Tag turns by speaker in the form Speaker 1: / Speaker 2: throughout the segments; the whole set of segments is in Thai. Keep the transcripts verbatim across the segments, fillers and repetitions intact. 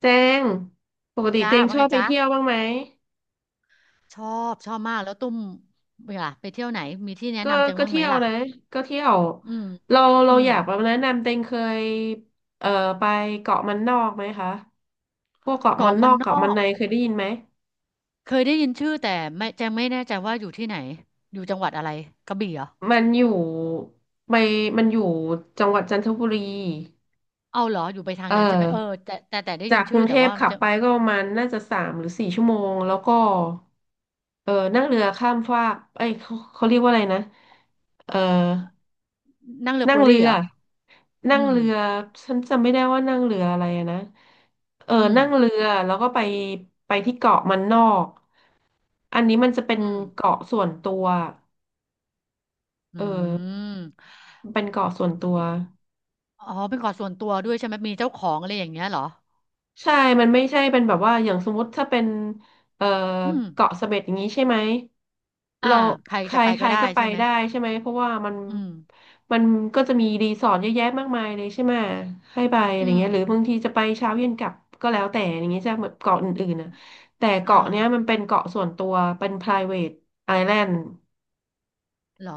Speaker 1: เจงปกติ
Speaker 2: จ้า
Speaker 1: เตง
Speaker 2: ว่า
Speaker 1: ชอ
Speaker 2: ไง
Speaker 1: บไป
Speaker 2: จ้า
Speaker 1: เที่ยวบ้างไหม
Speaker 2: ชอบชอบมากแล้วตุ้มเวลาไปเที่ยวไหนมีที่แนะ
Speaker 1: ก็
Speaker 2: นำแจง
Speaker 1: ก็
Speaker 2: บ้างไห
Speaker 1: เที่
Speaker 2: ม
Speaker 1: ยว
Speaker 2: ล่ะ
Speaker 1: นะก็เที่ยว
Speaker 2: อืม
Speaker 1: เรา
Speaker 2: อื
Speaker 1: เราอ
Speaker 2: ม
Speaker 1: ยากแบบแนะนำเตงเคยเอ่อไปเกาะมันนอกไหมคะ พวกเกาะมัน
Speaker 2: เกาะ
Speaker 1: น
Speaker 2: มั
Speaker 1: อ
Speaker 2: น
Speaker 1: ก
Speaker 2: น
Speaker 1: เกาะ
Speaker 2: อ
Speaker 1: มัน
Speaker 2: ก
Speaker 1: ในเคยได้ยินไหม
Speaker 2: เคยได้ยินชื่อแต่ไม่แจงไม่แน่ใจว่าอยู่ที่ไหนอยู่จังหวัดอะไรกระบี่เหรอ
Speaker 1: มันอยู่ไปมันอยู่จังหวัดจันทบุรี
Speaker 2: เอาเหรออยู่ไปทาง
Speaker 1: เออ
Speaker 2: นั้นใช่ไหมเออแต่แต่แต่ได้ยิ
Speaker 1: จา
Speaker 2: น
Speaker 1: กก
Speaker 2: ชื่
Speaker 1: รุ
Speaker 2: อ
Speaker 1: งเท
Speaker 2: แต่
Speaker 1: พ
Speaker 2: ว่า
Speaker 1: ขับ
Speaker 2: จะ
Speaker 1: ไปก็ประมาณน่าจะสามหรือสี่ชั่วโมง แล้วก็เออนั่งเรือข้ามฟากเอ้ยเขาเขาเรียกว่าอะไรนะเออ
Speaker 2: นั่งเรือ
Speaker 1: นั่
Speaker 2: เฟ
Speaker 1: ง
Speaker 2: อร์
Speaker 1: เรื
Speaker 2: รี่เห
Speaker 1: อ
Speaker 2: รออื
Speaker 1: นั่ง
Speaker 2: ม
Speaker 1: เรือ ฉันจำไม่ได้ว่านั่งเรืออะไรอะนะเออ
Speaker 2: อืม
Speaker 1: นั่งเรือ แล้วก็ไปไปที่เกาะมันนอก อันนี้มันจะเป็น
Speaker 2: อืม
Speaker 1: เกาะส่วนตัว
Speaker 2: อื
Speaker 1: เออ
Speaker 2: ม
Speaker 1: เป็นเกาะส่วนตัว
Speaker 2: อ๋อเป็นเกาะส่วนตัวด้วยใช่ไหมมีเจ้าของอะไรอย่างเงี้ยเหรอ
Speaker 1: ใช่ มันไม่ใช่เป็นแบบว่า อย่างสมมติถ้าเป็นเอ่อ
Speaker 2: อืม
Speaker 1: เกาะเสม็ดอย่างนี้ใช่ไหม
Speaker 2: อ่า
Speaker 1: เรา
Speaker 2: ใคร
Speaker 1: ใค
Speaker 2: จะ
Speaker 1: ร
Speaker 2: ไป
Speaker 1: ใค
Speaker 2: ก็
Speaker 1: ร
Speaker 2: ได้
Speaker 1: ก็ไป
Speaker 2: ใช่ไหม
Speaker 1: ได้ใช่ไหม เพราะว่ามัน
Speaker 2: อืม
Speaker 1: มันก็จะมีรีสอร์ทเยอะแยะมากมายเลยใช่ไหม ให้ไปอะ
Speaker 2: อื
Speaker 1: ไร
Speaker 2: ม
Speaker 1: เงี้ยหรือบางทีจะไปเช้าเย็นกลับก็แล้วแต่อย่างเงี้ยจะเหมือนเกาะอื่นๆนะแต่
Speaker 2: เออ
Speaker 1: เกาะเนี้ยมันเป็นเกาะส่วนตัวเป็น private island
Speaker 2: เหรอ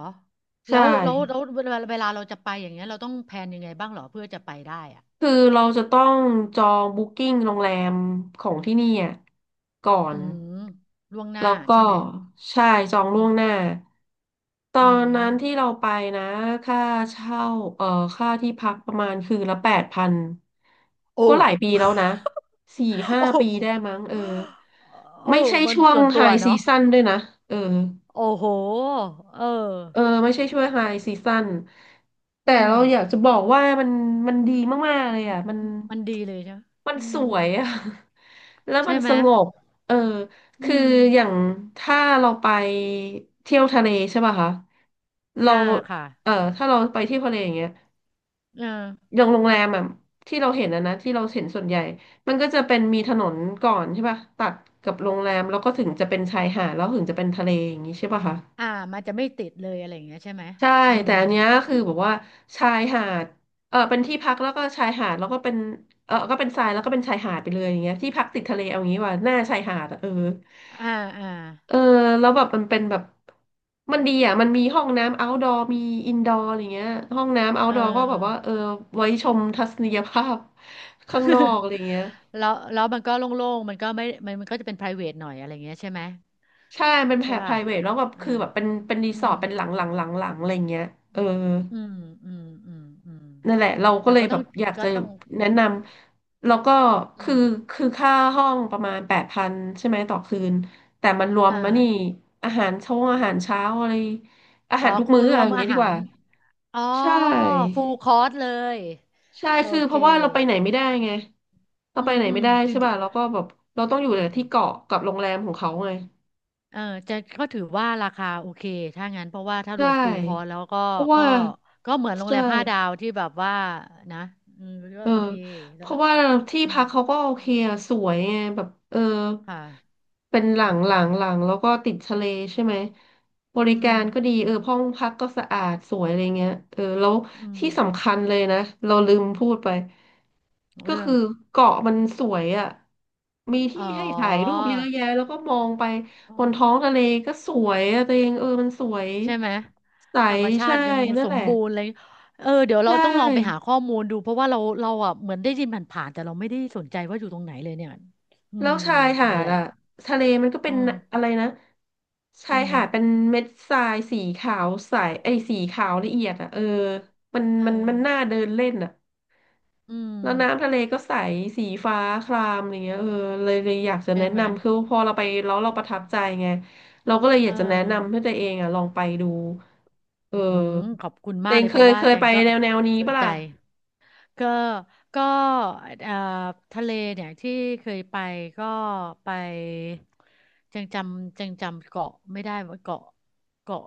Speaker 2: แล้
Speaker 1: ใช่
Speaker 2: วแล้วแล้วเวลาเวลาเราจะไปอย่างเงี้ยเราต้องแพลนยังไงบ้างเหรอเพื่อจะไปได้อ่ะ
Speaker 1: คือเราจะต้องจองบุ๊กิ้งโรงแรมของที่นี่อะก่อ
Speaker 2: อื
Speaker 1: น
Speaker 2: มล่วงหน้า
Speaker 1: แล้วก็
Speaker 2: ใช่ไหม
Speaker 1: ใช่จอง
Speaker 2: อื
Speaker 1: ล่วงหน้า
Speaker 2: ม
Speaker 1: ตอ
Speaker 2: อื
Speaker 1: น
Speaker 2: ม
Speaker 1: นั้นที่เราไปนะค่าเช่าเอ่อค่าที่พักประมาณคืนละแปดพัน
Speaker 2: โอ
Speaker 1: ก็หลายปี
Speaker 2: ้
Speaker 1: แล้วนะสี่ห้า
Speaker 2: โอ
Speaker 1: ปีได้
Speaker 2: ้
Speaker 1: มั้งเออไม่
Speaker 2: โอ้
Speaker 1: ใช่
Speaker 2: มัน
Speaker 1: ช่วง
Speaker 2: ส่วน
Speaker 1: ไฮ
Speaker 2: ตัว
Speaker 1: ซี
Speaker 2: เนาะ
Speaker 1: ซั่นด้วยนะเออ
Speaker 2: โอ้โหเออ
Speaker 1: เออไม่ใช่ช่วยไฮซีซั o นแต่
Speaker 2: อืม
Speaker 1: เราอยากจะบอกว่ามันมันดีมากๆเลย
Speaker 2: ม
Speaker 1: อ่ะมัน
Speaker 2: มันดีเลยใช่ไหม
Speaker 1: มัน
Speaker 2: อื
Speaker 1: ส
Speaker 2: ม
Speaker 1: วยอ่ะ แล้วมั
Speaker 2: ใช่
Speaker 1: น
Speaker 2: ไห
Speaker 1: ส
Speaker 2: ม
Speaker 1: งบเออ
Speaker 2: อื
Speaker 1: คือ
Speaker 2: ม
Speaker 1: อย่างถ้าเราไปเที่ยวทะเลใช่ป่ะคะเรา
Speaker 2: อ่าค่ะ
Speaker 1: เออถ้าเราไปเที่ยวทะเลอย่างเงี้ย
Speaker 2: เออ
Speaker 1: อย่างโรงแรมอ่ะที่เราเห็นนะนะที่เราเห็นส่วนใหญ่มันก็จะเป็นมีถนนก่อนใช่ป่ะตัดกับโรงแรมแล้วก็ถึงจะเป็นชายหาดแล้วถึงจะเป็นทะเลอย่างงี้ใช่ป่ะคะ
Speaker 2: อ่ามันจะไม่ติดเลยอะไรอย่างเงี้ยใช่ไหม
Speaker 1: ใช่
Speaker 2: อื
Speaker 1: แต่
Speaker 2: ม
Speaker 1: อันเนี้ยคือแบบว่าชายหาดเออเป็นที่พักแล้วก็ชายหาดแล้วก็เป็นเออก็เป็นทรายแล้วก็เป็นชายหาดไปเลยอย่างเงี้ยที่พักติดทะเลเอางี้ว่าหน้าชายหาดอะเออ
Speaker 2: อ่าอ่า
Speaker 1: เออแล้วแบบมันเป็นแบบมันดีอ่ะมันมีห้องน้ำ outdoor มี indoor อะไรเงี้ยห้องน้ำ
Speaker 2: เอ
Speaker 1: outdoor ก็แบบว่า
Speaker 2: อ
Speaker 1: เออไว้ชมทัศนียภาพข้างนอกอะไร เงี้ย
Speaker 2: แล้วแล้วมันก็โล่งๆมันก็ไม่มันมันก็จะเป็น private หน่อยอะไรเงี้ยใช่ไหม
Speaker 1: ใช่เป็นแบ
Speaker 2: ใช่
Speaker 1: บ
Speaker 2: ป่ะ
Speaker 1: private แล้วแบบ
Speaker 2: อ่า
Speaker 1: คือแบบเป็นเป็นรี
Speaker 2: อื
Speaker 1: สอ
Speaker 2: ม
Speaker 1: ร์ทเป็นหลังหลังหลังหลังอะไรเงี้ยเออ
Speaker 2: อืม อืม อืม อืม
Speaker 1: นั่นแหละเราก็
Speaker 2: แต่
Speaker 1: เลย
Speaker 2: ก็ต้
Speaker 1: แบ
Speaker 2: อง
Speaker 1: บอยาก
Speaker 2: ก็
Speaker 1: จะ
Speaker 2: ต้อง
Speaker 1: แนะนำแล้วก็
Speaker 2: อื
Speaker 1: คือ
Speaker 2: ม
Speaker 1: คือค่าห้องประมาณแปดพันใช่ไหมต่อคืนแต่มันรวม
Speaker 2: อ่า
Speaker 1: มานี่อาหารช่วงอาหารเช้าอะไรอา
Speaker 2: อ๋อ
Speaker 1: หารทุก
Speaker 2: ครู
Speaker 1: มื้อ
Speaker 2: ร
Speaker 1: อะ
Speaker 2: ว
Speaker 1: ไร
Speaker 2: ม
Speaker 1: อย่าง
Speaker 2: อา
Speaker 1: เงี้ยดี
Speaker 2: หา
Speaker 1: ก
Speaker 2: ร
Speaker 1: ว่า
Speaker 2: อ๋อ
Speaker 1: ใช่
Speaker 2: ฟูลคอร์สเลย
Speaker 1: ใช่
Speaker 2: โอ
Speaker 1: คือเพ
Speaker 2: เค
Speaker 1: ราะว่าเราไปไหนไม่ได้ไงเรา
Speaker 2: อื
Speaker 1: ไป
Speaker 2: ม
Speaker 1: ไหน
Speaker 2: อื
Speaker 1: ไม่
Speaker 2: ม
Speaker 1: ได้
Speaker 2: ดู
Speaker 1: ใช่
Speaker 2: ดิ
Speaker 1: ป่ะเราก็แบบเราต้องอยู่
Speaker 2: อื
Speaker 1: แต่
Speaker 2: ม
Speaker 1: ที่เกาะกับโรงแรมของเขาไง
Speaker 2: เออจะก็ถือว่าราคาโอเคถ้างั้นเพราะว่าถ้าร
Speaker 1: ใช่
Speaker 2: วมฟูลคอร์สแล้วก็
Speaker 1: เพราะ
Speaker 2: ก็
Speaker 1: ว่า
Speaker 2: ก็เหมือนโรง
Speaker 1: ใช่
Speaker 2: แรมห้าดาวที่แบบว่านะอืมก็
Speaker 1: เออ
Speaker 2: โอเค
Speaker 1: เพ
Speaker 2: แล้ว
Speaker 1: ราะว่าที่
Speaker 2: อื
Speaker 1: พั
Speaker 2: ม
Speaker 1: กเขาก็โอ
Speaker 2: อื
Speaker 1: เค
Speaker 2: ม
Speaker 1: อะสวยไงแบบเออ
Speaker 2: ค่ะ
Speaker 1: เป็นหลัง
Speaker 2: อืม
Speaker 1: หลังหลังแล้วก็ติดทะเลใช่ไหมบ
Speaker 2: อื
Speaker 1: ริ
Speaker 2: ม
Speaker 1: การก็ดีเออห้องพักก็สะอาดสวยอะไรเงี้ยเออแล้ว
Speaker 2: อืม
Speaker 1: ที่สำคัญเลยนะเราลืมพูดไปก็
Speaker 2: เรื่อ
Speaker 1: คื
Speaker 2: ง
Speaker 1: อเกาะมันสวยอ่ะมี
Speaker 2: อ๋
Speaker 1: ที่
Speaker 2: อ
Speaker 1: ให้ถ่ายรูปเยอะแยะแล้วก็มองไป
Speaker 2: อื
Speaker 1: บน
Speaker 2: ม
Speaker 1: ท้องทะเลก็สวยอะตัวเองเออมันสวย
Speaker 2: ใช่ไหม
Speaker 1: ใส
Speaker 2: ธรรมชา
Speaker 1: ใช่
Speaker 2: ติยัง
Speaker 1: นั่
Speaker 2: ส
Speaker 1: นแห
Speaker 2: ม
Speaker 1: ละ
Speaker 2: บูรณ์เลยเออเดี๋ยวเรา
Speaker 1: ใช่
Speaker 2: ต้องลองไปหาข้อมูลดูเพราะว่าเราเราอ่ะเหมือนได้ยินผ่านๆแต่เราไม่ได้สนใจว่าอยู่ตรงไหนเลยเนี่ยอื
Speaker 1: แล้ว
Speaker 2: ม
Speaker 1: ชายหา
Speaker 2: นั่น
Speaker 1: ด
Speaker 2: แหละ
Speaker 1: อะทะเลมันก็เป็
Speaker 2: อื
Speaker 1: น
Speaker 2: ม
Speaker 1: อะไรนะ
Speaker 2: เป็
Speaker 1: ชา
Speaker 2: น
Speaker 1: ย
Speaker 2: ไง
Speaker 1: หาดเป็นเม็ดทรายสีขาวใสไอ้ยสีขาวละเอียดอะเออมัน
Speaker 2: เอ
Speaker 1: มันมั
Speaker 2: อ
Speaker 1: นน่าเดินเล่นอะ
Speaker 2: อื
Speaker 1: แล้วน้ำ
Speaker 2: ม
Speaker 1: ทะเลก็ใสสีฟ้าครามอะไรเงี้ยเออเลยเลยอยากจะ
Speaker 2: ใช่
Speaker 1: แนะ
Speaker 2: ไหม
Speaker 1: นำคือพอเราไปแล้วเราประทั
Speaker 2: อื
Speaker 1: บ
Speaker 2: ม
Speaker 1: ใจไงเราก็เลยอ
Speaker 2: เอ
Speaker 1: ยากจะแนะนำให้
Speaker 2: อ
Speaker 1: ตัวเองอะลองไปดูเอ
Speaker 2: อืมข
Speaker 1: อ
Speaker 2: อบคุณ
Speaker 1: ตั
Speaker 2: มา
Speaker 1: ว
Speaker 2: ก
Speaker 1: เอ
Speaker 2: เล
Speaker 1: ง
Speaker 2: ย
Speaker 1: เค
Speaker 2: เพราะ
Speaker 1: ย
Speaker 2: ว่า
Speaker 1: เคย
Speaker 2: แจ
Speaker 1: ไป
Speaker 2: งก็
Speaker 1: แนวแนวนี้
Speaker 2: สน
Speaker 1: ปะ
Speaker 2: ใจ
Speaker 1: ล่ะ
Speaker 2: ก็ก็เอ่อทะเลเนี่ยที่เคยไปก็ไปแจงจำแจงจำเกาะไม่ได้ว่าเกาะเกาะ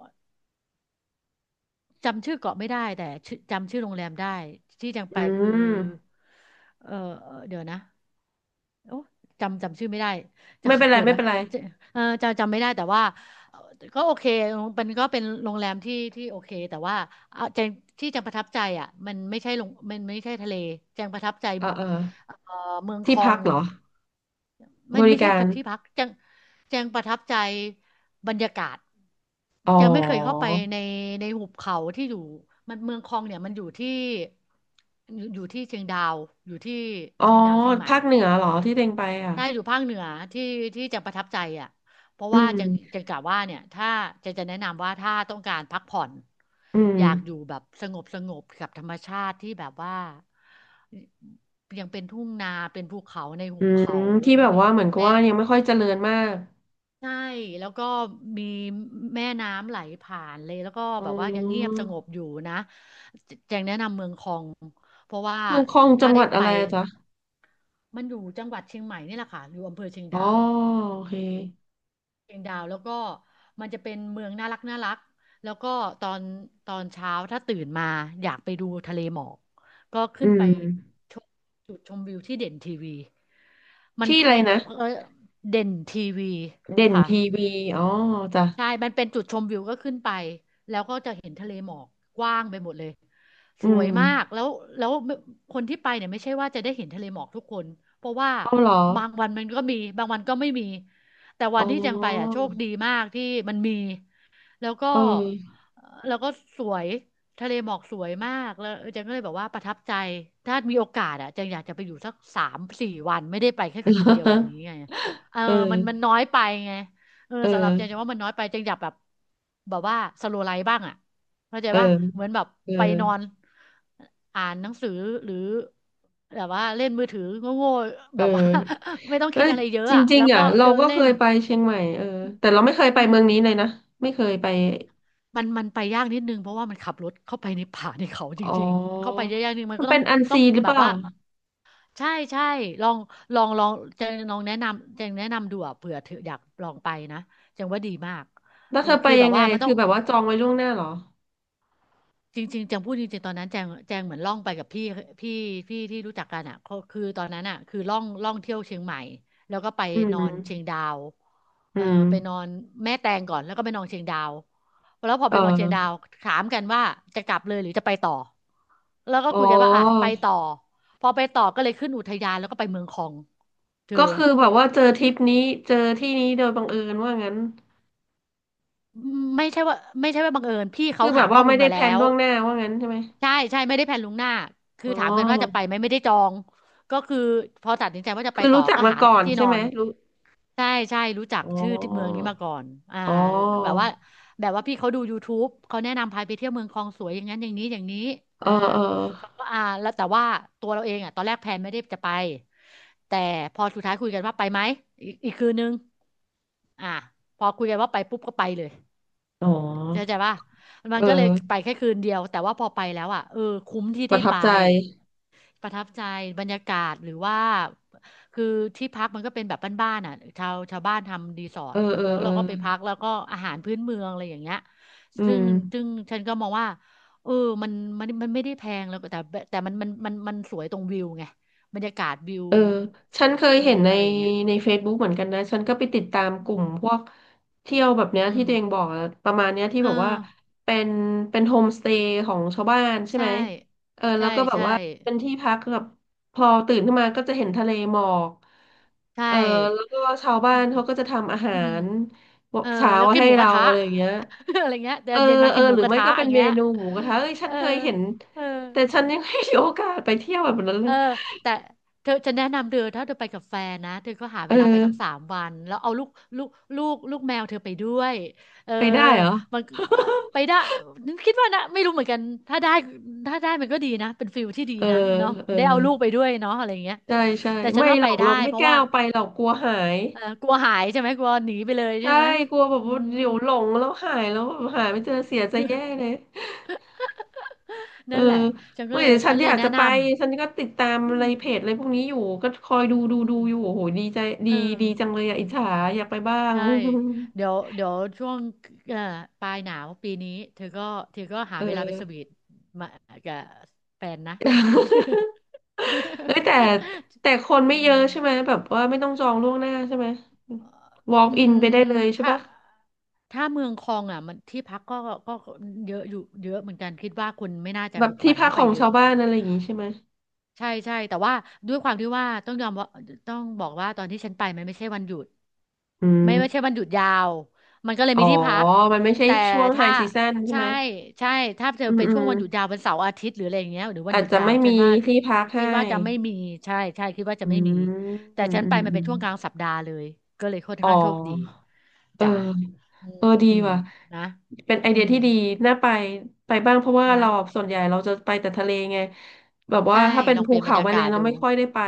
Speaker 2: จำชื่อเกาะไม่ได้แต่ชื่อจำชื่อโรงแรมได้ที่แจง
Speaker 1: อื
Speaker 2: ไปคือ
Speaker 1: ม
Speaker 2: เออเดี๋ยวนะ โอ้จำจำชื่อไม่ได้
Speaker 1: ไม่เป็น
Speaker 2: จำ
Speaker 1: ไร
Speaker 2: เดี๋ยว
Speaker 1: ไม่
Speaker 2: นะ
Speaker 1: เป็นไร
Speaker 2: จะเออจะจำไม่ได้แต่ว่าเอ่อก็โอเคมันก็เป็นโรงแรมที่ที่โอเคแต่ว่าเอาแจงที่แจงประทับใจอ่ะมันไม่ใช่ลงมันไม่ใช่ทะเลแจงประทับใจ
Speaker 1: เออเออ
Speaker 2: เอ่อเมืองค
Speaker 1: ที่
Speaker 2: อ
Speaker 1: พัก
Speaker 2: ง
Speaker 1: เหรอบ
Speaker 2: มัน
Speaker 1: ริ
Speaker 2: ไม่ใช่
Speaker 1: การ
Speaker 2: ที่พักแจงแจงประทับใจบรรยากาศ
Speaker 1: อ๋อ
Speaker 2: แจงไม่เคยเข้าไปในในหุบเขาที่อยู่มันเมืองคองเนี่ยมันอยู่ที่อยู่อยู่ที่เชียงดาวอยู่ที่
Speaker 1: อ๋อ
Speaker 2: เชียงดาวเชียงใหม่
Speaker 1: ภาคเหนือเหรอที่เต็งไปอ่ะ
Speaker 2: ได้อยู่ภาคเหนือที่ที่จังประทับใจอ่ะเพราะ
Speaker 1: อื
Speaker 2: ว่า
Speaker 1: ม
Speaker 2: จังจังกะว่าเนี่ยถ้าจังจะแนะนำว่าถ้าต้องการพักผ่อน
Speaker 1: อื
Speaker 2: อ
Speaker 1: ม
Speaker 2: ยากอยู่แบบสงบสงบกับธรรมชาติที่แบบว่ายังเป็นทุ่งนาเป็นภูเขาในหุ
Speaker 1: อื
Speaker 2: บ
Speaker 1: ม
Speaker 2: เขา
Speaker 1: ที่แบบ
Speaker 2: มี
Speaker 1: ว่าเหมือนกับ
Speaker 2: แม่
Speaker 1: ว่ายังไม่ค่อยเจริญมาก
Speaker 2: ใช่แล้วก็มีแม่น้ำไหลผ่านเลยแล้วก็
Speaker 1: อ๋อ
Speaker 2: แบบว่ายังเงียบสงบอยู่นะแจงแนะนำเมืองคองเพราะว่า
Speaker 1: เมืองคองจั
Speaker 2: ถ้า
Speaker 1: งห
Speaker 2: ได้
Speaker 1: วัด
Speaker 2: ไป
Speaker 1: อะไรอะจ๊ะ
Speaker 2: มันอยู่จังหวัดเชียงใหม่นี่แหละค่ะอยู่อำเภอเชียง
Speaker 1: อ๋อ
Speaker 2: ดาว
Speaker 1: โอเค
Speaker 2: เชียงดาวแล้วก็มันจะเป็นเมืองน่ารักน่ารักแล้วก็ตอนตอนเช้าถ้าตื่นมาอยากไปดูทะเลหมอกก็
Speaker 1: อื
Speaker 2: ขึ้นไป
Speaker 1: ม
Speaker 2: ชมจุดชมวิวที่เด่นทีวีมัน
Speaker 1: ที่อะไรนะ
Speaker 2: เออเด่นทีวี
Speaker 1: เด่น
Speaker 2: ค่ะ
Speaker 1: ทีวีอ๋อจ้ะ
Speaker 2: ใช่มันเป็นจุดชมวิวก็ขึ้นไป แล้วก็จะเห็นทะเลหมอกกว้างไปหมดเลย
Speaker 1: อื
Speaker 2: สวย
Speaker 1: ม
Speaker 2: มากแล้วแล้วคนที่ไปเนี่ยไม่ใช่ว่าจะได้เห็นทะเลหมอกทุกคน เพราะว่า
Speaker 1: เอาเหรอ
Speaker 2: บางวันมันก็มี บางวันก็ไม่มี แต่วั
Speaker 1: อ๋อ
Speaker 2: นที่จังไปอ่ะโชคดีมากที่มันมี แล้วก็
Speaker 1: เออ
Speaker 2: แล้วก็สวยทะเลหมอกสวยมากแล้วจังก็เลยแบบว่าประทับใจถ้ามีโอกาสอ่ะจังอยากจะไปอยู่สักสามสี่วันไม่ได้ไปแค่คืนเดียวแบบนี้ไงเออ
Speaker 1: เออ
Speaker 2: มันมันน้อยไปไง เออ
Speaker 1: เอ
Speaker 2: สำหรับ
Speaker 1: อ
Speaker 2: เจนเจนว่ามันน้อยไปเจนอยากแบบแบบว่าสโลไลฟ์บ้างอ่ะเข้าใจ
Speaker 1: เออ
Speaker 2: ป่ะเหมือนแบบ
Speaker 1: เออ
Speaker 2: ไปนอนอ่านหนังสือหรือแบบว่าเล่นมือถือโง่ๆ
Speaker 1: เอ
Speaker 2: แบ
Speaker 1: อ
Speaker 2: บว่า ไม่ต้อง
Speaker 1: เอ้
Speaker 2: คิด
Speaker 1: ย
Speaker 2: อะไรเยอะ
Speaker 1: จ
Speaker 2: อ่ะ
Speaker 1: ริง
Speaker 2: แล้ว
Speaker 1: ๆ
Speaker 2: ก็
Speaker 1: อ่ะเรา
Speaker 2: เดิน
Speaker 1: ก็เค
Speaker 2: เล่น
Speaker 1: ยไปเชียงใหม่เออแต่เราไม่เคยไป
Speaker 2: อื
Speaker 1: เมื
Speaker 2: ม
Speaker 1: องนี้เลยนะไม่เคยไป
Speaker 2: มันมันไปยากนิดนึงเพราะว่ามันขับรถเข้าไปในป่าในเขาจ
Speaker 1: อ๋อ
Speaker 2: ริงๆเข้าไปเยอะๆนี่มัน
Speaker 1: มัน
Speaker 2: ก็ต้
Speaker 1: เป็
Speaker 2: อ
Speaker 1: น
Speaker 2: ง
Speaker 1: อัน
Speaker 2: ต้อง
Speaker 1: ซีนหรือ
Speaker 2: แบ
Speaker 1: เป
Speaker 2: บ
Speaker 1: ล่า
Speaker 2: ว่าใช่ใช่ลองลองลองเจนลองแนะนำเจนแนะนำดูอะเผื่อเธออยากลองไปนะเจนว่าดีมาก
Speaker 1: แล้ว
Speaker 2: เออ
Speaker 1: เธอไป
Speaker 2: คือแบ
Speaker 1: ยั
Speaker 2: บ
Speaker 1: งไง
Speaker 2: ว่ามันต้
Speaker 1: คื
Speaker 2: อ
Speaker 1: อ
Speaker 2: ง
Speaker 1: แบบว่าจองไว้ล่วงหน้าเหรอ
Speaker 2: จริงๆแจงพูดจริงๆตอนนั้นแจงแจงเหมือนล่องไปกับพี่พี่พี่ที่รู้จักกันอ่ะเขาคือตอนนั้นอ่ะคือล่องล่องเที่ยวเชียงใหม่แล้วก็ไป
Speaker 1: อื
Speaker 2: นอ
Speaker 1: ม
Speaker 2: นเชียงดาว
Speaker 1: อื
Speaker 2: เออ
Speaker 1: ม
Speaker 2: ไปนอนแม่แตงก่อนแล้วก็ไปนอนเชียงดาวแล้วพอ
Speaker 1: เ
Speaker 2: ไปนอนเชียงดา
Speaker 1: อ
Speaker 2: ว
Speaker 1: อ
Speaker 2: ถามกันว่าจะกลับเลยหรือจะไปต่อแล้วก็
Speaker 1: อ๋อ
Speaker 2: คุยกันว่าอ่ะไปต่อพอไปต่อก็เลยขึ้นอุทยานแล้วก็ไปเมืองคองเธอ
Speaker 1: ก็คือแบบว่าเจอทริปนี้เจอที่นี้โดยบังเอิญว่างั้น
Speaker 2: ไม่ใช่ว่าไม่ใช่ว่าบังเอิญพี่
Speaker 1: คื
Speaker 2: เขา
Speaker 1: อแบ
Speaker 2: หา
Speaker 1: บ
Speaker 2: ข้
Speaker 1: ว่า
Speaker 2: อมู
Speaker 1: ไม่
Speaker 2: ล
Speaker 1: ได้
Speaker 2: มา
Speaker 1: แพ
Speaker 2: แล้
Speaker 1: ลน
Speaker 2: ว
Speaker 1: ล่วงหน้าว่างั้นใช่ไหม
Speaker 2: ใช่ใช่ไม่ได้แพลนล่วงหน้าคื
Speaker 1: อ๋
Speaker 2: อถามกันว่าจะ
Speaker 1: อ
Speaker 2: ไปไหมไม่ได้จองก็คือพอตัดสินใจว่าจะไป
Speaker 1: คือ
Speaker 2: ต่อ
Speaker 1: รู้จัก
Speaker 2: ก็
Speaker 1: มา
Speaker 2: หา
Speaker 1: ก่อน
Speaker 2: ที่น
Speaker 1: ใช่
Speaker 2: อ
Speaker 1: ไหม
Speaker 2: น
Speaker 1: รู้
Speaker 2: ใช่ใช่รู้จัก
Speaker 1: อ๋อ
Speaker 2: ชื่อที่เมืองนี้มาก่อนอ่า
Speaker 1: อ๋อ
Speaker 2: แบบว่าแบบว่าพี่เขาดู ยูทูบ เขาแนะนำพาไปเที่ยวเมืองคลองสวยอย่างนั้นอย่างนี้อย่างนี้
Speaker 1: เออ
Speaker 2: อ่า
Speaker 1: เออ
Speaker 2: เขาก็อ่าแล้วแต่ว่าตัวเราเองอ่ะตอนแรกแพลนไม่ได้จะไปแต่พอสุดท้ายคุยกันว่าไปไหมอีกอีกคืนนึงอ่าพอคุยกันว่าไปปุ๊บก็ไปเลย
Speaker 1: อ๋อ
Speaker 2: เข้าใจป่ะมั
Speaker 1: เอ
Speaker 2: นก็เลยไป
Speaker 1: อ
Speaker 2: แค่คืนเดียว แต่ว่าพอไปแล้วอ่ะเออคุ้มที่
Speaker 1: ป
Speaker 2: ได้
Speaker 1: ระทับ
Speaker 2: ไป
Speaker 1: ใจ
Speaker 2: ประทับใจบรรยากาศหรือว่าคือที่พักมันก็เป็นแบบบ้านๆอ่ะชาวชาวบ้านทำรีสอร์
Speaker 1: เอ
Speaker 2: ท
Speaker 1: อเออ
Speaker 2: แล้ว
Speaker 1: เออ
Speaker 2: เราก็ไปพักแล้วก็อาหารพื้นเมืองอะไรอย่างเงี้ย
Speaker 1: อื
Speaker 2: ซึ่ง
Speaker 1: ม
Speaker 2: ซึ่งฉันก็มองว่าเออมันมันมันไม่ได้แพงแล้วแต่แต่มันมันมันมันสวยตรงวิวไงบรรยากาศวิว
Speaker 1: เออ ฉันเคย
Speaker 2: เออ
Speaker 1: เห็นใน
Speaker 2: อะไรอย่างเงี้ย
Speaker 1: ใน เฟซบุ๊ก เหมือนกันนะ ฉันก็ไปติดตาม
Speaker 2: อื
Speaker 1: ก
Speaker 2: ม
Speaker 1: ลุ่มพวกเที่ยวแบบเนี้ย
Speaker 2: อื
Speaker 1: ที่
Speaker 2: ม
Speaker 1: ตัวเองบอกอะประมาณเนี้ยที่
Speaker 2: เออ
Speaker 1: แบบว่าเป็นเป็นโฮมสเตย์ของชาวบ้านใช่
Speaker 2: ใช่
Speaker 1: ไหมเออแล้
Speaker 2: ใช่
Speaker 1: วก็แบบ
Speaker 2: ใช่
Speaker 1: ว่าเป็นที่พักแบบพอตื่นขึ้นมาก็จะเห็นทะเลหมอก
Speaker 2: ใช่
Speaker 1: เออแล้วก็ชาว
Speaker 2: อื
Speaker 1: บ้าน
Speaker 2: ม
Speaker 1: เขาก็จะทำอาหา
Speaker 2: อืม
Speaker 1: ร
Speaker 2: เออ
Speaker 1: เช้า
Speaker 2: แล้วกิน
Speaker 1: ให้
Speaker 2: หมูก
Speaker 1: เรา
Speaker 2: ระทะ
Speaker 1: อะไรอย่างเงี้ย
Speaker 2: อะไรเงี้ยเดี๋ย
Speaker 1: เอ
Speaker 2: ว
Speaker 1: อ
Speaker 2: เย็นมา
Speaker 1: เอ
Speaker 2: กิ
Speaker 1: อ
Speaker 2: นหมู
Speaker 1: หรือ
Speaker 2: กระ
Speaker 1: ไม่
Speaker 2: ทะ
Speaker 1: ก็
Speaker 2: อ
Speaker 1: เป็น
Speaker 2: ย่าง
Speaker 1: เม
Speaker 2: เงี้ย
Speaker 1: นูหมูกระทะเอ้ยฉั
Speaker 2: เอ
Speaker 1: น
Speaker 2: อ
Speaker 1: เคยเห็น
Speaker 2: เออ
Speaker 1: แต่ฉันยังไม่มีโอกาสไปเที่ยวแบบนั้นเล
Speaker 2: เออ
Speaker 1: ย
Speaker 2: แต่เธอจะแนะนำเธอถ้าเธอไปกับแฟนนะเธอก็หา
Speaker 1: เอ
Speaker 2: เวลาไปทั้ง
Speaker 1: อ
Speaker 2: สามวันแล้วเอาลูกลูกลูกลูกแมวเธอไปด้วยเออ
Speaker 1: ไปได้เหรอ
Speaker 2: มันเอ่อไปได้นึกคิดว่านะไม่รู้เหมือนกันถ้าได้ถ้าได้มันก็ดีนะเป็นฟิลที่ดี
Speaker 1: เออ
Speaker 2: นะเนาะ
Speaker 1: เออ
Speaker 2: ได้เอาลูกไปด้วยเนาะอะไรเงี้ย
Speaker 1: ใช่ใช่
Speaker 2: แต่ฉัน
Speaker 1: ไม่
Speaker 2: ว่า
Speaker 1: หร
Speaker 2: ไป
Speaker 1: อก
Speaker 2: ได้
Speaker 1: เราไม่
Speaker 2: เพ
Speaker 1: ก
Speaker 2: ราะ
Speaker 1: ล้า
Speaker 2: ว่า
Speaker 1: เอาไปหรอกกลัวหาย
Speaker 2: เออกลัวหายใช่ไหมกลัวหนีไปเลยใช่
Speaker 1: ใช่
Speaker 2: ไหม
Speaker 1: กลัวแบบ
Speaker 2: อื
Speaker 1: ว่า
Speaker 2: ม
Speaker 1: เดี๋ยวหลงแล้วหายแล้วแบบหายไม่เจอเสียใจแย่ เลยเออ
Speaker 2: นั่นแหละฉันก็
Speaker 1: ไม่
Speaker 2: เลย
Speaker 1: เดี๋ยวฉั
Speaker 2: ฉั
Speaker 1: น
Speaker 2: นเล
Speaker 1: อ
Speaker 2: ย
Speaker 1: ยาก
Speaker 2: แนะ
Speaker 1: จะไป
Speaker 2: นำ
Speaker 1: ฉันก็ติดตาม
Speaker 2: อื
Speaker 1: อะไร
Speaker 2: ม
Speaker 1: เพจอะไรพวกนี้อยู่ก็คอยดูดู
Speaker 2: ำอื
Speaker 1: ดู
Speaker 2: ม
Speaker 1: อยู่โอ้โหดีใจดี
Speaker 2: เอ
Speaker 1: ดีจัง
Speaker 2: อ
Speaker 1: เลยอะอิจฉาอยากไปบ้าง
Speaker 2: ใช่เดี๋ยวเดี๋ยวช่วงเอ่อปลายหนาวปีนี้เธอก็เธอก็หา
Speaker 1: เอ
Speaker 2: เวลาไปส
Speaker 1: อ
Speaker 2: วีทมากับแฟนนะ
Speaker 1: เอ้ยแต่ แต่คนไม่
Speaker 2: อื
Speaker 1: เยอะ
Speaker 2: ม
Speaker 1: ใช่ไหมแบบว่าไม่ต้องจองล่วงหน้าใช่ไหม
Speaker 2: อ
Speaker 1: walk
Speaker 2: อื
Speaker 1: in ไปได้เล
Speaker 2: ม
Speaker 1: ยใช่
Speaker 2: ถ้า
Speaker 1: ปะ
Speaker 2: ถ้าเมืองคลองอ่ะมันที่พักก็ก็เยอะอยู่เยอะเหมือนกันคิดว่าคุณไม่น่าจะ
Speaker 1: แบบ
Speaker 2: บุก
Speaker 1: ที่
Speaker 2: บั่น
Speaker 1: พัก
Speaker 2: เข้า
Speaker 1: ข
Speaker 2: ไป
Speaker 1: อง
Speaker 2: เย
Speaker 1: ชา
Speaker 2: อะ
Speaker 1: วบ้านอะไรอย่างงี้ใช่ไหม
Speaker 2: ใช่ใช่แต่ว่าด้วยความที่ว่าต้องยอมว่าต้องบอกว่าตอนที่ฉันไปมันไม่ใช่วันหยุด
Speaker 1: อื
Speaker 2: ไม่ไม่ใช่
Speaker 1: ม
Speaker 2: วันหยุดยาวมันก็เลย
Speaker 1: อ๋อ
Speaker 2: มีที่พัก
Speaker 1: มันไม่ใช่
Speaker 2: แต่
Speaker 1: ช่วงไฮ
Speaker 2: ถ้า
Speaker 1: ซีซั่นใช่
Speaker 2: ใช่
Speaker 1: ไหม
Speaker 2: ใช่ถ้าเธอ
Speaker 1: อืม
Speaker 2: ไป
Speaker 1: อื
Speaker 2: ช่ว
Speaker 1: ม
Speaker 2: งวันหยุดยาววันเสาร์อาทิตย์หรืออะไรอย่างเงี้ยหรือวัน
Speaker 1: อา
Speaker 2: ห
Speaker 1: จ
Speaker 2: ยุด
Speaker 1: จะ
Speaker 2: ยาว
Speaker 1: ไม่
Speaker 2: ฉั
Speaker 1: มี
Speaker 2: นว่า
Speaker 1: ที่พัก
Speaker 2: คิ
Speaker 1: ให้
Speaker 2: ดว่าจะไม่มีใช่ใช่คิดว่าจะ
Speaker 1: อื
Speaker 2: ไม่มี
Speaker 1: ม
Speaker 2: แต่
Speaker 1: อืม
Speaker 2: ฉัน
Speaker 1: อืม
Speaker 2: ไปมัน
Speaker 1: อ
Speaker 2: เป็น
Speaker 1: ม
Speaker 2: ช่วงกลางสัปดาห์เลยก็เลยค่อน
Speaker 1: อ๋อ
Speaker 2: ข้างโชคดี
Speaker 1: เออ
Speaker 2: จ้ะอืม
Speaker 1: เออดี
Speaker 2: อืม
Speaker 1: ว่ะ
Speaker 2: นะ
Speaker 1: เป็นไอ
Speaker 2: อื
Speaker 1: เดีย
Speaker 2: ม
Speaker 1: ที่ดี น่าไป ไปบ้างเพราะว่า
Speaker 2: นะ
Speaker 1: เราส่วนใหญ่เราจะไปแต่ทะเลไง แบบว่า
Speaker 2: ใช่
Speaker 1: ถ้าเป็น
Speaker 2: ลอง
Speaker 1: ภู
Speaker 2: เปลี่ยนบร
Speaker 1: เขา
Speaker 2: ร
Speaker 1: ไป
Speaker 2: ยา
Speaker 1: เล
Speaker 2: กา
Speaker 1: ย
Speaker 2: ศ
Speaker 1: เรา
Speaker 2: ดู
Speaker 1: ไม่ค่อยได้ไป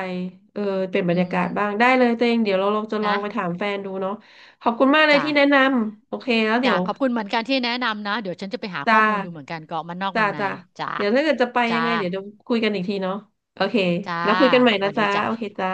Speaker 1: เออเป็นบร
Speaker 2: อื
Speaker 1: รยา
Speaker 2: ม
Speaker 1: กาศบ้างได้เลยตัวเองเดี๋ยวเราลรงจะลอ
Speaker 2: นะ
Speaker 1: งไปถามแฟนดูเนาะขอบคุณมากเลย
Speaker 2: จ้ะ
Speaker 1: ที่แนะนำโอเคแล้วเดี๋
Speaker 2: จ้ะ
Speaker 1: ยว
Speaker 2: ขอบคุณเหมือนกันที่แนะนำนะ เดี๋ยวฉันจะไปหา
Speaker 1: จ้า
Speaker 2: ข้อมูลดูเหมือนกันเกาะมันนอก
Speaker 1: จ้า
Speaker 2: มันใน
Speaker 1: จ้า
Speaker 2: จ้ะ
Speaker 1: เดี๋ยวถ้าเกิดจะไปยั
Speaker 2: จ้ะ
Speaker 1: งไงเดี๋ยวเดี๋ยวคุยกันอีกทีเนาะโอเค
Speaker 2: จ้า
Speaker 1: แล้วคุยกันใหม่
Speaker 2: ส
Speaker 1: นะ
Speaker 2: วัสดี
Speaker 1: จ้า โอเค
Speaker 2: จ้ะ
Speaker 1: จ้า